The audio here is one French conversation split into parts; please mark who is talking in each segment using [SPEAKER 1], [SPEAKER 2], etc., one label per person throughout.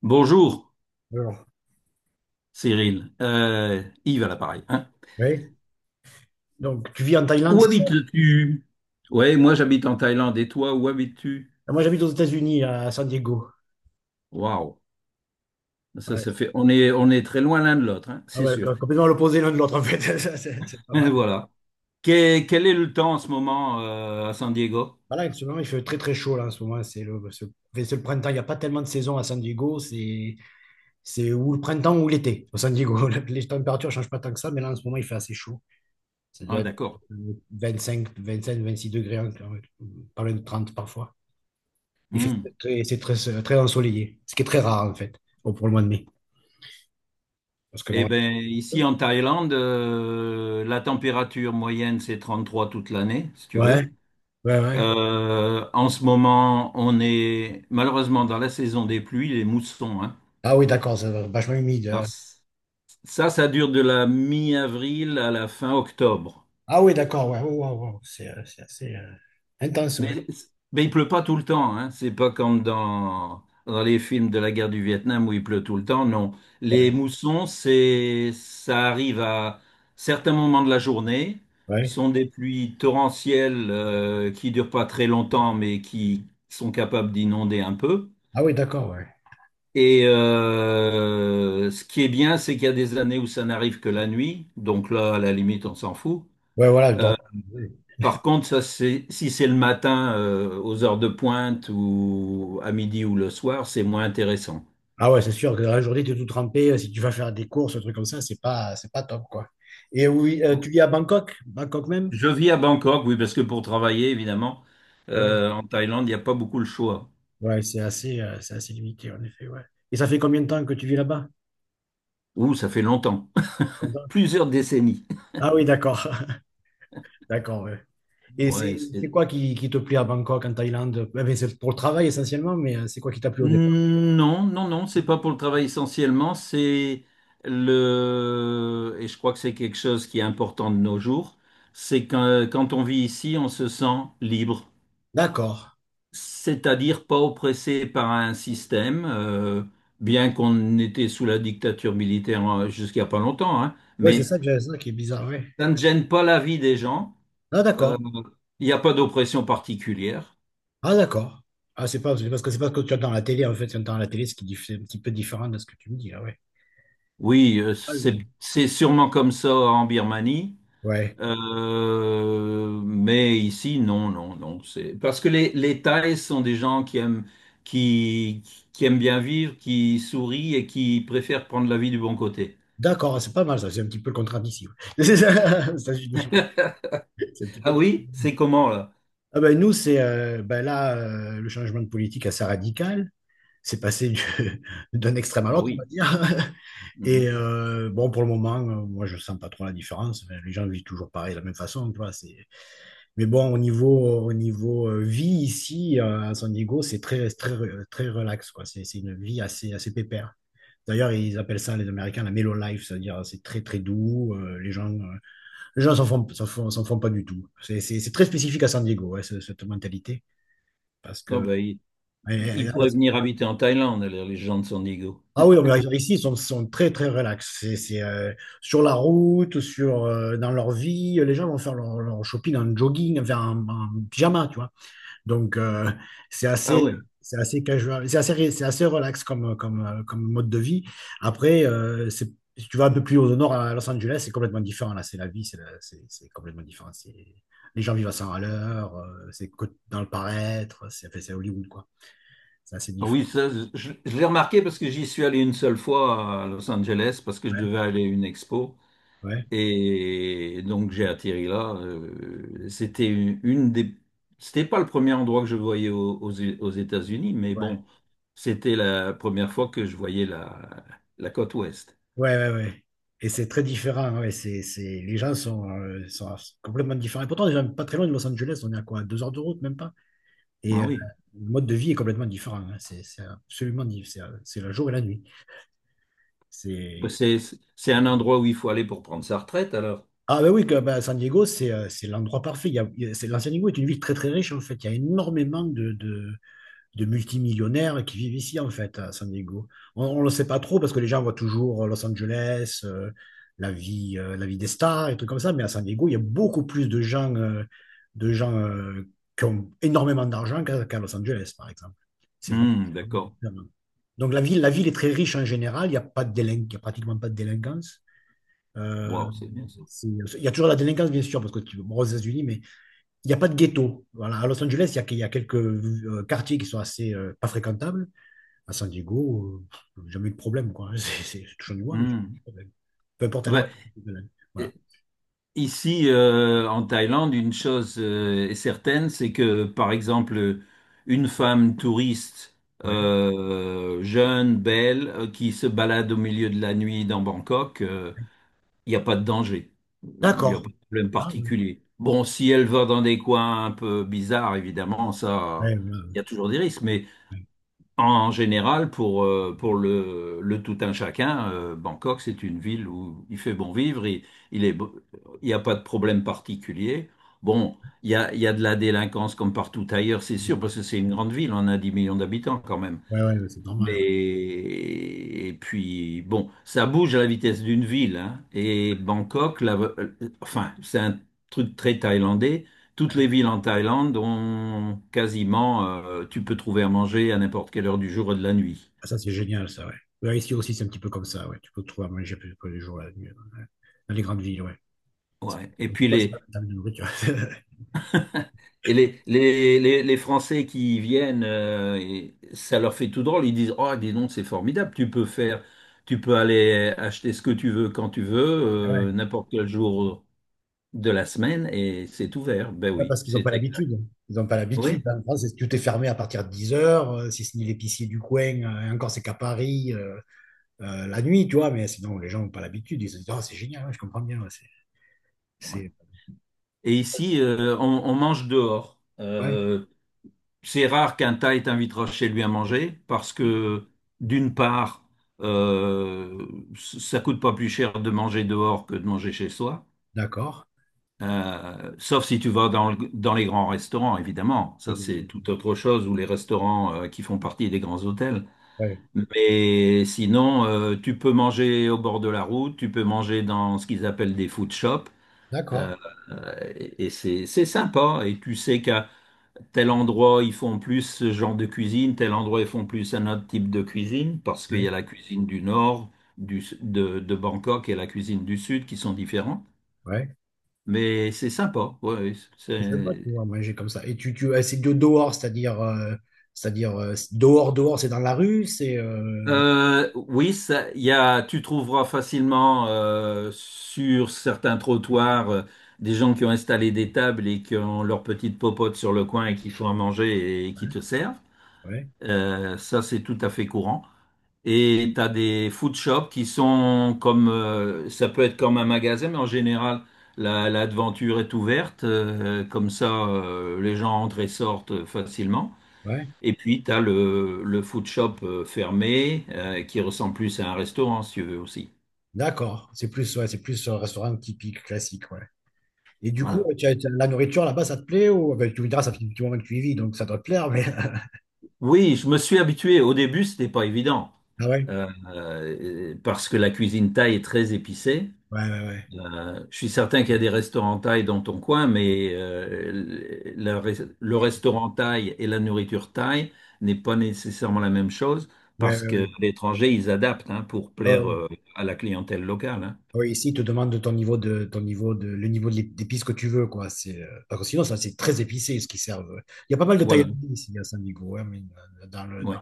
[SPEAKER 1] Bonjour,
[SPEAKER 2] Alors,
[SPEAKER 1] Cyril. Yves à l'appareil, hein.
[SPEAKER 2] oui. Donc, tu vis en Thaïlande,
[SPEAKER 1] Où
[SPEAKER 2] c'est ça?
[SPEAKER 1] habites-tu? Ouais, moi j'habite en Thaïlande. Et toi, où habites-tu?
[SPEAKER 2] Ah, moi, j'habite aux États-Unis, à San Diego.
[SPEAKER 1] Waouh, ça,
[SPEAKER 2] Ouais.
[SPEAKER 1] ça fait. On est très loin l'un de l'autre, hein,
[SPEAKER 2] Ah
[SPEAKER 1] c'est
[SPEAKER 2] ouais,
[SPEAKER 1] sûr.
[SPEAKER 2] complètement l'opposé l'un de l'autre, en fait. Ça, c'est pas mal.
[SPEAKER 1] Voilà. Quel est le temps en ce moment à San Diego?
[SPEAKER 2] Voilà, en ce moment, il fait très, très chaud, là, en ce moment. Enfin, c'est le printemps. Il n'y a pas tellement de saison à San Diego. C'est ou le printemps ou l'été, au San Diego. Les températures ne changent pas tant que ça, mais là, en ce moment, il fait assez chaud. Ça doit
[SPEAKER 1] Ah,
[SPEAKER 2] être
[SPEAKER 1] d'accord.
[SPEAKER 2] euh, 25, 25, 26 degrés, hein, quand même. Pas loin de 30 parfois. Il fait
[SPEAKER 1] Hmm.
[SPEAKER 2] très, c'est très, très ensoleillé, ce qui est très rare, en fait, pour le mois de mai. Parce que,
[SPEAKER 1] Eh
[SPEAKER 2] bon,
[SPEAKER 1] bien, ici en Thaïlande, la température moyenne, c'est 33 toute l'année, si tu veux.
[SPEAKER 2] ouais. Ouais, ouais.
[SPEAKER 1] En ce moment, on est malheureusement dans la saison des pluies, les moussons, hein.
[SPEAKER 2] Ah oui, d'accord, ça va vachement humide.
[SPEAKER 1] Alors, ça, ça dure de la mi-avril à la fin octobre.
[SPEAKER 2] Ah oui, d'accord, ouais, ouais, ouais, ouais. C'est assez intense, ouais.
[SPEAKER 1] Mais, mais il pleut pas tout le temps, hein. C'est pas comme dans les films de la guerre du Vietnam où il pleut tout le temps, non. Les
[SPEAKER 2] Ouais,
[SPEAKER 1] moussons, ça arrive à certains moments de la journée. Ce
[SPEAKER 2] ouais.
[SPEAKER 1] sont des pluies torrentielles qui durent pas très longtemps, mais qui sont capables d'inonder un peu.
[SPEAKER 2] Ah oui, d'accord, ouais.
[SPEAKER 1] Et ce qui est bien, c'est qu'il y a des années où ça n'arrive que la nuit. Donc là, à la limite, on s'en fout.
[SPEAKER 2] Ouais, voilà, oui.
[SPEAKER 1] Par contre, ça, si c'est le matin, aux heures de pointe ou à midi ou le soir, c'est moins intéressant.
[SPEAKER 2] Ah ouais, c'est sûr que dans la journée, tu es tout trempé. Si tu vas faire des courses, un truc comme ça, c'est pas top, quoi. Et oui, tu vis à Bangkok, Bangkok même?
[SPEAKER 1] Je vis à Bangkok, oui, parce que pour travailler, évidemment,
[SPEAKER 2] Ah ouais,
[SPEAKER 1] en Thaïlande, il n'y a pas beaucoup le choix.
[SPEAKER 2] ouais, c'est assez limité, en effet, ouais. Et ça fait combien de temps que tu vis là-bas?
[SPEAKER 1] Ouh, ça fait longtemps.
[SPEAKER 2] Longtemps.
[SPEAKER 1] Plusieurs décennies.
[SPEAKER 2] Ah oui, d'accord, d'accord, ouais. Et
[SPEAKER 1] Ouais,
[SPEAKER 2] c'est quoi qui te plaît à Bangkok, en Thaïlande? Eh ben, c'est pour le travail essentiellement, mais c'est quoi qui t'a plu au départ?
[SPEAKER 1] Non, non, non, c'est pas pour le travail essentiellement, Et je crois que c'est quelque chose qui est important de nos jours, c'est quand on vit ici, on se sent libre.
[SPEAKER 2] D'accord.
[SPEAKER 1] C'est-à-dire pas oppressé par un système, bien qu'on était sous la dictature militaire jusqu'à pas longtemps, hein,
[SPEAKER 2] Oui, c'est
[SPEAKER 1] mais
[SPEAKER 2] ça que j'avais ça qui est bizarre, oui.
[SPEAKER 1] ça ne gêne pas la vie des gens.
[SPEAKER 2] Ah,
[SPEAKER 1] Euh,
[SPEAKER 2] d'accord.
[SPEAKER 1] Il n'y a pas d'oppression particulière.
[SPEAKER 2] Ah, d'accord. Ah, c'est parce que c'est pas ce que tu as dans la télé, en fait. Ce que tu as dans la télé, ce qui est c'est un petit peu différent de ce que tu me dis, là. Ouais.
[SPEAKER 1] Oui,
[SPEAKER 2] Ah,
[SPEAKER 1] c'est
[SPEAKER 2] oui.
[SPEAKER 1] c'est sûrement comme ça en Birmanie,
[SPEAKER 2] Ouais.
[SPEAKER 1] mais ici, non, non, non. C'est parce que les Thaïs sont des gens qui aiment, qui, qui aiment bien vivre, qui sourient et qui préfèrent prendre la vie du bon côté.
[SPEAKER 2] D'accord, c'est pas mal, ça. C'est un petit peu le contraire d'ici. Ouais. C'est ça, aux États-Unis. C'est un petit peu...
[SPEAKER 1] Ah
[SPEAKER 2] di-
[SPEAKER 1] oui, c'est comment là?
[SPEAKER 2] Ah ben, nous, ben là, le changement de politique assez radical. C'est passé d'un extrême à
[SPEAKER 1] Ah
[SPEAKER 2] l'autre, on va
[SPEAKER 1] oui.
[SPEAKER 2] dire. Et
[SPEAKER 1] Mhm.
[SPEAKER 2] bon, pour le moment, moi, je sens pas trop la différence. Enfin, les gens vivent toujours pareil, de la même façon, tu vois. Mais bon, au niveau, vie ici, à San Diego, c'est très, très, très relax, quoi. C'est une vie assez, assez pépère. D'ailleurs, ils appellent ça, les Américains, la mellow life, c'est-à-dire c'est très, très doux. Les gens, les gens s'en font pas du tout. C'est très spécifique à San Diego, ouais, cette mentalité. Parce
[SPEAKER 1] Ah
[SPEAKER 2] que.
[SPEAKER 1] ben, il,
[SPEAKER 2] et- et-
[SPEAKER 1] il
[SPEAKER 2] alors-
[SPEAKER 1] pourrait venir habiter en Thaïlande, alors, les gens de Sandiego.
[SPEAKER 2] ah oui, mais ici, ils sont très, très relax. C'est sur la route, dans leur vie, les gens vont faire leur shopping en jogging, enfin, en pyjama, tu vois. Donc, c'est
[SPEAKER 1] Ah
[SPEAKER 2] assez,
[SPEAKER 1] oui.
[SPEAKER 2] c'est assez casual, c'est assez relax comme mode de vie. Après, si tu vas un peu plus au nord à Los Angeles, c'est complètement différent. Là, c'est la vie, c'est la- c'est complètement différent. Les gens vivent à 100 à l'heure, dans le paraître, c'est enfin, c'est Hollywood, quoi. C'est assez
[SPEAKER 1] Ah
[SPEAKER 2] différent.
[SPEAKER 1] oui, ça, je l'ai remarqué parce que j'y suis allé une seule fois à Los Angeles parce que je
[SPEAKER 2] Ouais,
[SPEAKER 1] devais aller à une expo.
[SPEAKER 2] ouais,
[SPEAKER 1] Et donc j'ai atterri là. C'était une des. C'était pas le premier endroit que je voyais aux États-Unis, mais
[SPEAKER 2] ouais,
[SPEAKER 1] bon, c'était la première fois que je voyais la côte ouest.
[SPEAKER 2] ouais, ouais. Ouais. Et c'est très différent. Ouais. Les gens sont complètement différents. Et pourtant, on n'est pas très loin de Los Angeles. On est à quoi? 2 heures de route, même pas? Et
[SPEAKER 1] Ah oui.
[SPEAKER 2] le mode de vie est complètement différent. Hein. C'est absolument différent. C'est le jour et la nuit.
[SPEAKER 1] Bah,
[SPEAKER 2] C'est...
[SPEAKER 1] C'est un endroit où il faut aller pour prendre sa retraite alors.
[SPEAKER 2] Ah ben oui, ben, San Diego, c'est l'endroit parfait. Il y a- c'est, la San Diego est une ville très très riche en fait. Il y a énormément de multimillionnaires qui vivent ici en fait à San Diego. On ne le sait pas trop parce que les gens voient toujours Los Angeles, la vie des stars et trucs comme ça. Mais à San Diego, il y a beaucoup plus de gens, qui ont énormément d'argent qu'à Los Angeles par exemple. C'est vraiment...
[SPEAKER 1] D'accord.
[SPEAKER 2] Donc la ville, est très riche en général, il n'y a pas de il y a pratiquement pas de délinquance. Euh,
[SPEAKER 1] Wow, c'est bien ça.
[SPEAKER 2] c'est- il y a toujours la délinquance, bien sûr, parce que tu bon, aux États-Unis, mais il n'y a pas de ghetto. Voilà, à Los Angeles, il y a quelques quartiers qui sont assez pas fréquentables. À San Diego, jamais eu de problème, quoi. Je touche du bois, mais j'ai pas
[SPEAKER 1] Hmm.
[SPEAKER 2] de problème. Peu importe
[SPEAKER 1] Ah
[SPEAKER 2] alors.
[SPEAKER 1] ben, euh,
[SPEAKER 2] Voilà.
[SPEAKER 1] ici, en Thaïlande, une chose est certaine, c'est que, par exemple, une femme touriste
[SPEAKER 2] Ouais.
[SPEAKER 1] jeune, belle, qui se balade au milieu de la nuit dans Bangkok, il n'y a pas de danger. Il n'y a
[SPEAKER 2] D'accord.
[SPEAKER 1] pas de problème
[SPEAKER 2] Ah, ouais.
[SPEAKER 1] particulier. Bon, si elle va dans des coins un peu bizarres, évidemment, ça,
[SPEAKER 2] Ouais, ouais,
[SPEAKER 1] il y a toujours des risques. Mais
[SPEAKER 2] ouais.
[SPEAKER 1] en général, pour le tout un chacun, Bangkok, c'est une ville où il fait bon vivre, il est, beau- il n'y a pas de problème particulier. Bon, il y a de la délinquance comme partout ailleurs, c'est sûr, parce que c'est une grande ville, on a 10 millions d'habitants quand même.
[SPEAKER 2] Ouais, ouais, ouais, c'est normal. Ouais.
[SPEAKER 1] Mais et puis bon, ça bouge à la vitesse d'une ville, hein. Et Bangkok, enfin, c'est un truc très thaïlandais. Toutes
[SPEAKER 2] Ouais.
[SPEAKER 1] les villes en Thaïlande ont quasiment, tu peux trouver à manger à n'importe quelle heure du jour et de la nuit.
[SPEAKER 2] Ah, ça, c'est génial, ça, ouais. Ouais, ici aussi, c'est un petit peu comme ça, ouais. Tu peux te trouver à manger plus tous les jours la nuit, ouais. Dans les grandes villes, ouais. C'est
[SPEAKER 1] Ouais. Et
[SPEAKER 2] comme ça.
[SPEAKER 1] puis
[SPEAKER 2] Bah, c'est pas
[SPEAKER 1] les
[SPEAKER 2] la même nourriture.
[SPEAKER 1] et les, les Français qui y viennent, et ça leur fait tout drôle. Ils disent, oh, dis donc, c'est formidable. Tu peux aller acheter ce que tu veux quand tu veux,
[SPEAKER 2] Ah ouais.
[SPEAKER 1] n'importe quel jour de la semaine et c'est ouvert. Ben
[SPEAKER 2] Ouais,
[SPEAKER 1] oui,
[SPEAKER 2] parce qu'ils n'ont pas
[SPEAKER 1] c'est exact.
[SPEAKER 2] l'habitude. Ils n'ont pas l'habitude.
[SPEAKER 1] Oui.
[SPEAKER 2] En France, tout est fermé à partir de 10 heures, si ce n'est l'épicier du coin. Et encore, c'est qu'à Paris, la nuit, tu vois. Mais sinon, les gens n'ont pas l'habitude. Ils se disent, ah, c'est génial, ouais, je comprends bien. Ouais,
[SPEAKER 1] Ouais.
[SPEAKER 2] c'est...
[SPEAKER 1] Et ici, on mange dehors.
[SPEAKER 2] Ouais,
[SPEAKER 1] C'est rare qu'un Thaï t'invitera chez lui à manger parce que, d'une part, euh, ça coûte pas plus cher de manger dehors que de manger chez soi.
[SPEAKER 2] d'accord.
[SPEAKER 1] Sauf si tu vas dans les grands restaurants, évidemment.
[SPEAKER 2] Ouais,
[SPEAKER 1] Ça, c'est tout autre chose, ou les restaurants qui font partie des grands hôtels.
[SPEAKER 2] ouais,
[SPEAKER 1] Mais sinon, tu peux manger au bord de la route, tu peux manger dans ce qu'ils appellent des food shops, euh,
[SPEAKER 2] d'accord.
[SPEAKER 1] et c'est sympa. Et tu sais qu'à tel endroit, ils font plus ce genre de cuisine, tel endroit, ils font plus un autre type de cuisine, parce qu'il y
[SPEAKER 2] Ouais,
[SPEAKER 1] a la cuisine du nord, de Bangkok et la cuisine du sud qui sont différents.
[SPEAKER 2] ouais.
[SPEAKER 1] Mais c'est sympa, ouais,
[SPEAKER 2] C'est sympa de
[SPEAKER 1] c'est,
[SPEAKER 2] pouvoir manger comme ça. C'est de dehors, c'est-à-dire, dehors, dehors, c'est dans la rue, c'est.
[SPEAKER 1] Oui, tu trouveras facilement sur certains trottoirs des gens qui ont installé des tables et qui ont leur petite popote sur le coin et qui font à manger et qui te servent.
[SPEAKER 2] Ouais,
[SPEAKER 1] Ça, c'est tout à fait courant. Et tu as des food shops qui sont comme, ça peut être comme un magasin, mais en général, l'aventure est ouverte, comme ça, les gens entrent et sortent facilement.
[SPEAKER 2] ouais.
[SPEAKER 1] Et puis, tu as le food shop fermé qui ressemble plus à un restaurant, si tu veux aussi.
[SPEAKER 2] D'accord. C'est plus, ouais, c'est plus un restaurant typique, classique, ouais. Et du coup,
[SPEAKER 1] Voilà.
[SPEAKER 2] la nourriture là-bas, ça te plaît ou ben, tu me diras, ça fait du petit moment que tu y vis, donc ça doit te plaire, mais.
[SPEAKER 1] Oui, je me suis habitué. Au début, c'était pas évident
[SPEAKER 2] Ah ouais?
[SPEAKER 1] parce que la cuisine thaï est très épicée.
[SPEAKER 2] Ouais, ouais, ouais.
[SPEAKER 1] Je suis certain qu'il y a des restaurants thaï dans ton coin, mais le
[SPEAKER 2] Ouais,
[SPEAKER 1] restaurant thaï et la nourriture thaï n'est pas nécessairement la même chose
[SPEAKER 2] ouais,
[SPEAKER 1] parce
[SPEAKER 2] ouais,
[SPEAKER 1] que
[SPEAKER 2] ouais.
[SPEAKER 1] l'étranger, ils adaptent, hein, pour
[SPEAKER 2] Ah
[SPEAKER 1] plaire
[SPEAKER 2] ouais,
[SPEAKER 1] à la clientèle locale, hein.
[SPEAKER 2] ouais, ici, ils te demandent de ton niveau de, ton niveau de, le niveau de d'épices que tu veux, quoi. Parce que sinon, ça, c'est très épicé, ce qu'ils servent. Il y a pas mal de
[SPEAKER 1] Voilà.
[SPEAKER 2] Thaïlandais ici à San Diego, hein, mais dans le,
[SPEAKER 1] Ouais.
[SPEAKER 2] dans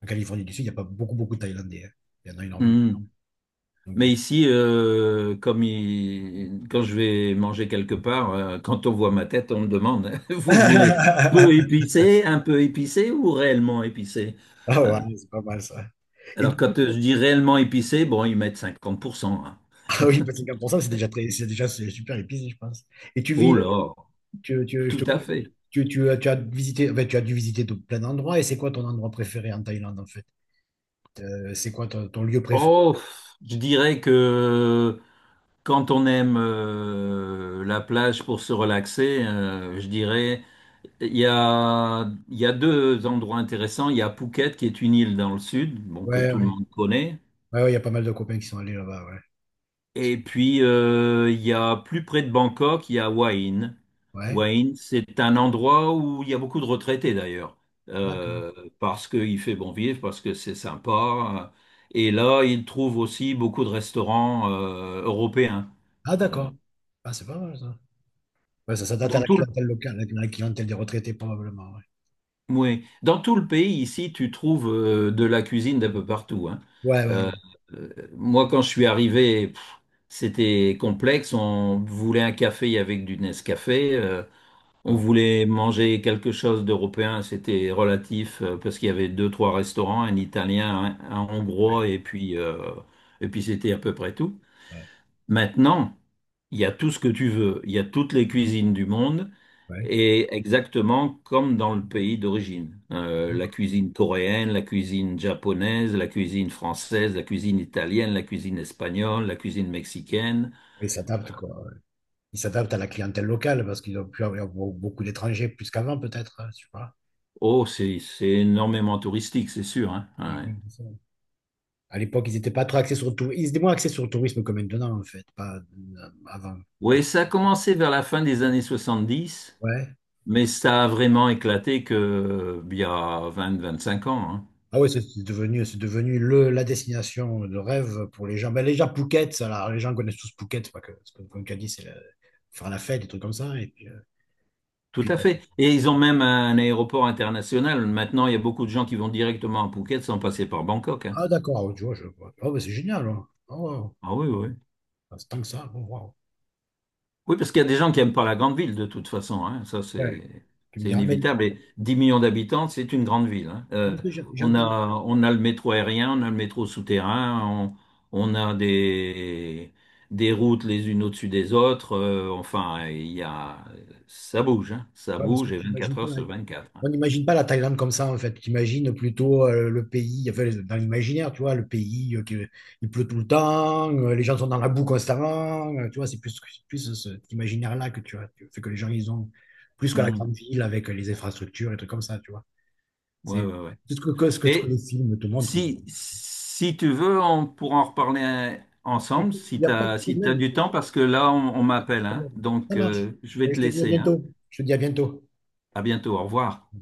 [SPEAKER 2] En Californie du Sud, il n'y a pas beaucoup, beaucoup de Thaïlandais. Hein. Il y en a énormément.
[SPEAKER 1] Hmm.
[SPEAKER 2] Donc, du
[SPEAKER 1] Mais
[SPEAKER 2] coup-
[SPEAKER 1] ici, comme quand je vais manger quelque part, quand on voit ma tête, on me demande, vous voulez peu épicé, un peu épicé ou réellement épicé?
[SPEAKER 2] Ah ouais, c'est pas mal ça. Et
[SPEAKER 1] Alors
[SPEAKER 2] du coup,
[SPEAKER 1] quand je dis réellement épicé, bon, ils mettent 50%, hein.
[SPEAKER 2] ah oui, bah, 50%, c'est déjà très, c'est déjà c'est super épicé, je pense. Et tu
[SPEAKER 1] Oh
[SPEAKER 2] vis,
[SPEAKER 1] là,
[SPEAKER 2] tu, tu- Je
[SPEAKER 1] tout
[SPEAKER 2] te
[SPEAKER 1] à
[SPEAKER 2] coupe,
[SPEAKER 1] fait.
[SPEAKER 2] tu as dû visiter de plein d'endroits. Et c'est quoi ton endroit préféré en Thaïlande, en fait? C'est quoi ton lieu préféré?
[SPEAKER 1] Oh, je dirais que quand on aime la plage pour se relaxer, je dirais, il y a deux endroits intéressants. Il y a Phuket, qui est une île dans le sud, bon, que
[SPEAKER 2] Ouais,
[SPEAKER 1] tout le
[SPEAKER 2] ouais.
[SPEAKER 1] monde connaît.
[SPEAKER 2] Ouais, ouais, il y a pas mal de copains qui sont allés là-bas, ouais.
[SPEAKER 1] Et puis, il y a plus près de Bangkok, il y a Wahin.
[SPEAKER 2] Ouais,
[SPEAKER 1] Wahin, c'est un endroit où il y a beaucoup de retraités d'ailleurs,
[SPEAKER 2] d'accord.
[SPEAKER 1] euh, parce qu'il fait bon vivre, parce que c'est sympa. Et là, ils trouvent aussi beaucoup de restaurants européens.
[SPEAKER 2] Ah,
[SPEAKER 1] Euh,
[SPEAKER 2] d'accord. Ah, c'est pas mal ça. Ouais, ça s'adapte à
[SPEAKER 1] Dans
[SPEAKER 2] la
[SPEAKER 1] tout
[SPEAKER 2] clientèle locale, à la clientèle des retraités, probablement, ouais.
[SPEAKER 1] oui. Dans tout le pays, ici, tu trouves de la cuisine d'un peu partout, hein.
[SPEAKER 2] Ouais, ouais,
[SPEAKER 1] Euh, euh, Moi, quand je suis arrivé, c'était complexe. On voulait un café avec du Nescafé. On
[SPEAKER 2] ouais.
[SPEAKER 1] voulait manger quelque chose d'européen, c'était relatif parce qu'il y avait deux, trois restaurants, un italien, un
[SPEAKER 2] Ouais,
[SPEAKER 1] hongrois et puis c'était à peu près tout.
[SPEAKER 2] ouais,
[SPEAKER 1] Maintenant, il y a tout ce que tu veux, il y a toutes les cuisines du monde
[SPEAKER 2] ouais,
[SPEAKER 1] et exactement comme dans le pays d'origine. La
[SPEAKER 2] d'accord.
[SPEAKER 1] cuisine coréenne, la cuisine japonaise, la cuisine française, la cuisine italienne, la cuisine espagnole, la cuisine mexicaine.
[SPEAKER 2] Ils s'adaptent, quoi. Ouais. Ils s'adaptent à la clientèle locale parce qu'ils ont pu avoir beaucoup d'étrangers plus qu'avant, peut-être, hein, je sais pas.
[SPEAKER 1] Oh, c'est énormément touristique, c'est sûr, hein.
[SPEAKER 2] Ouais,
[SPEAKER 1] Ouais.
[SPEAKER 2] ouais, c'est ça. À l'époque, ils étaient pas trop axés sur le tourisme. Ils étaient moins axés sur le tourisme que maintenant, en fait, pas avant.
[SPEAKER 1] Oui, ça a commencé vers la fin des années 70,
[SPEAKER 2] Ouais.
[SPEAKER 1] mais ça a vraiment éclaté que, il y a 20, 25 ans, hein.
[SPEAKER 2] Ah ouais, c'est devenu la destination de rêve pour les gens. Ben, les gens connaissent tous Phuket, c'est pas que, c'est comme tu as dit, faire la fête, des trucs comme ça. Et puis, euh,
[SPEAKER 1] Tout
[SPEAKER 2] puis,
[SPEAKER 1] à fait. Et ils ont même un aéroport international. Maintenant, il y a beaucoup de gens qui vont directement à Phuket sans passer par Bangkok, hein.
[SPEAKER 2] ah d'accord, ah, tu vois, je vois. Oh, ben, c'est génial. Hein. Oh, wow.
[SPEAKER 1] Ah oui, oui.
[SPEAKER 2] Ah, c'est tant que ça. Oh, wow.
[SPEAKER 1] Oui, parce qu'il y a des gens qui n'aiment pas la grande ville de toute façon, hein. Ça,
[SPEAKER 2] Ouais.
[SPEAKER 1] c'est
[SPEAKER 2] Tu me
[SPEAKER 1] c'est
[SPEAKER 2] diras, mais
[SPEAKER 1] inévitable. Et 10 millions d'habitants, c'est une grande ville, hein.
[SPEAKER 2] parce que j'ai
[SPEAKER 1] On a le métro aérien, on a le métro souterrain, on a des routes les unes au-dessus des autres, enfin, ça bouge, hein. Ça
[SPEAKER 2] ouais, parce que
[SPEAKER 1] bouge et
[SPEAKER 2] tu imagines
[SPEAKER 1] 24
[SPEAKER 2] pas
[SPEAKER 1] heures sur 24, hein.
[SPEAKER 2] on n'imagine pas la Thaïlande comme ça, en fait. Tu imagines plutôt le pays, enfin, dans l'imaginaire, tu vois, le pays, il pleut tout le temps, les gens sont dans la boue constamment, tu vois, c'est plus cet imaginaire-là que tu as. Fait que les gens, ils ont plus que la
[SPEAKER 1] Mhm.
[SPEAKER 2] grande ville avec les infrastructures et trucs comme ça, tu vois.
[SPEAKER 1] Ouais,
[SPEAKER 2] C'est
[SPEAKER 1] ouais, ouais.
[SPEAKER 2] c'est ce que, ce que les
[SPEAKER 1] Et,
[SPEAKER 2] films te montrent.
[SPEAKER 1] si tu veux, on pourra en reparler ensemble
[SPEAKER 2] Écoute, il
[SPEAKER 1] si
[SPEAKER 2] n'y a
[SPEAKER 1] tu
[SPEAKER 2] pas de
[SPEAKER 1] as, si t'as
[SPEAKER 2] problème.
[SPEAKER 1] du temps, parce que là, on
[SPEAKER 2] Pas
[SPEAKER 1] m'appelle,
[SPEAKER 2] de
[SPEAKER 1] hein.
[SPEAKER 2] problème. Ça
[SPEAKER 1] Donc,
[SPEAKER 2] marche.
[SPEAKER 1] je vais
[SPEAKER 2] Et je
[SPEAKER 1] te
[SPEAKER 2] te dis à
[SPEAKER 1] laisser, hein.
[SPEAKER 2] bientôt. Je te dis à bientôt.
[SPEAKER 1] À bientôt, au revoir.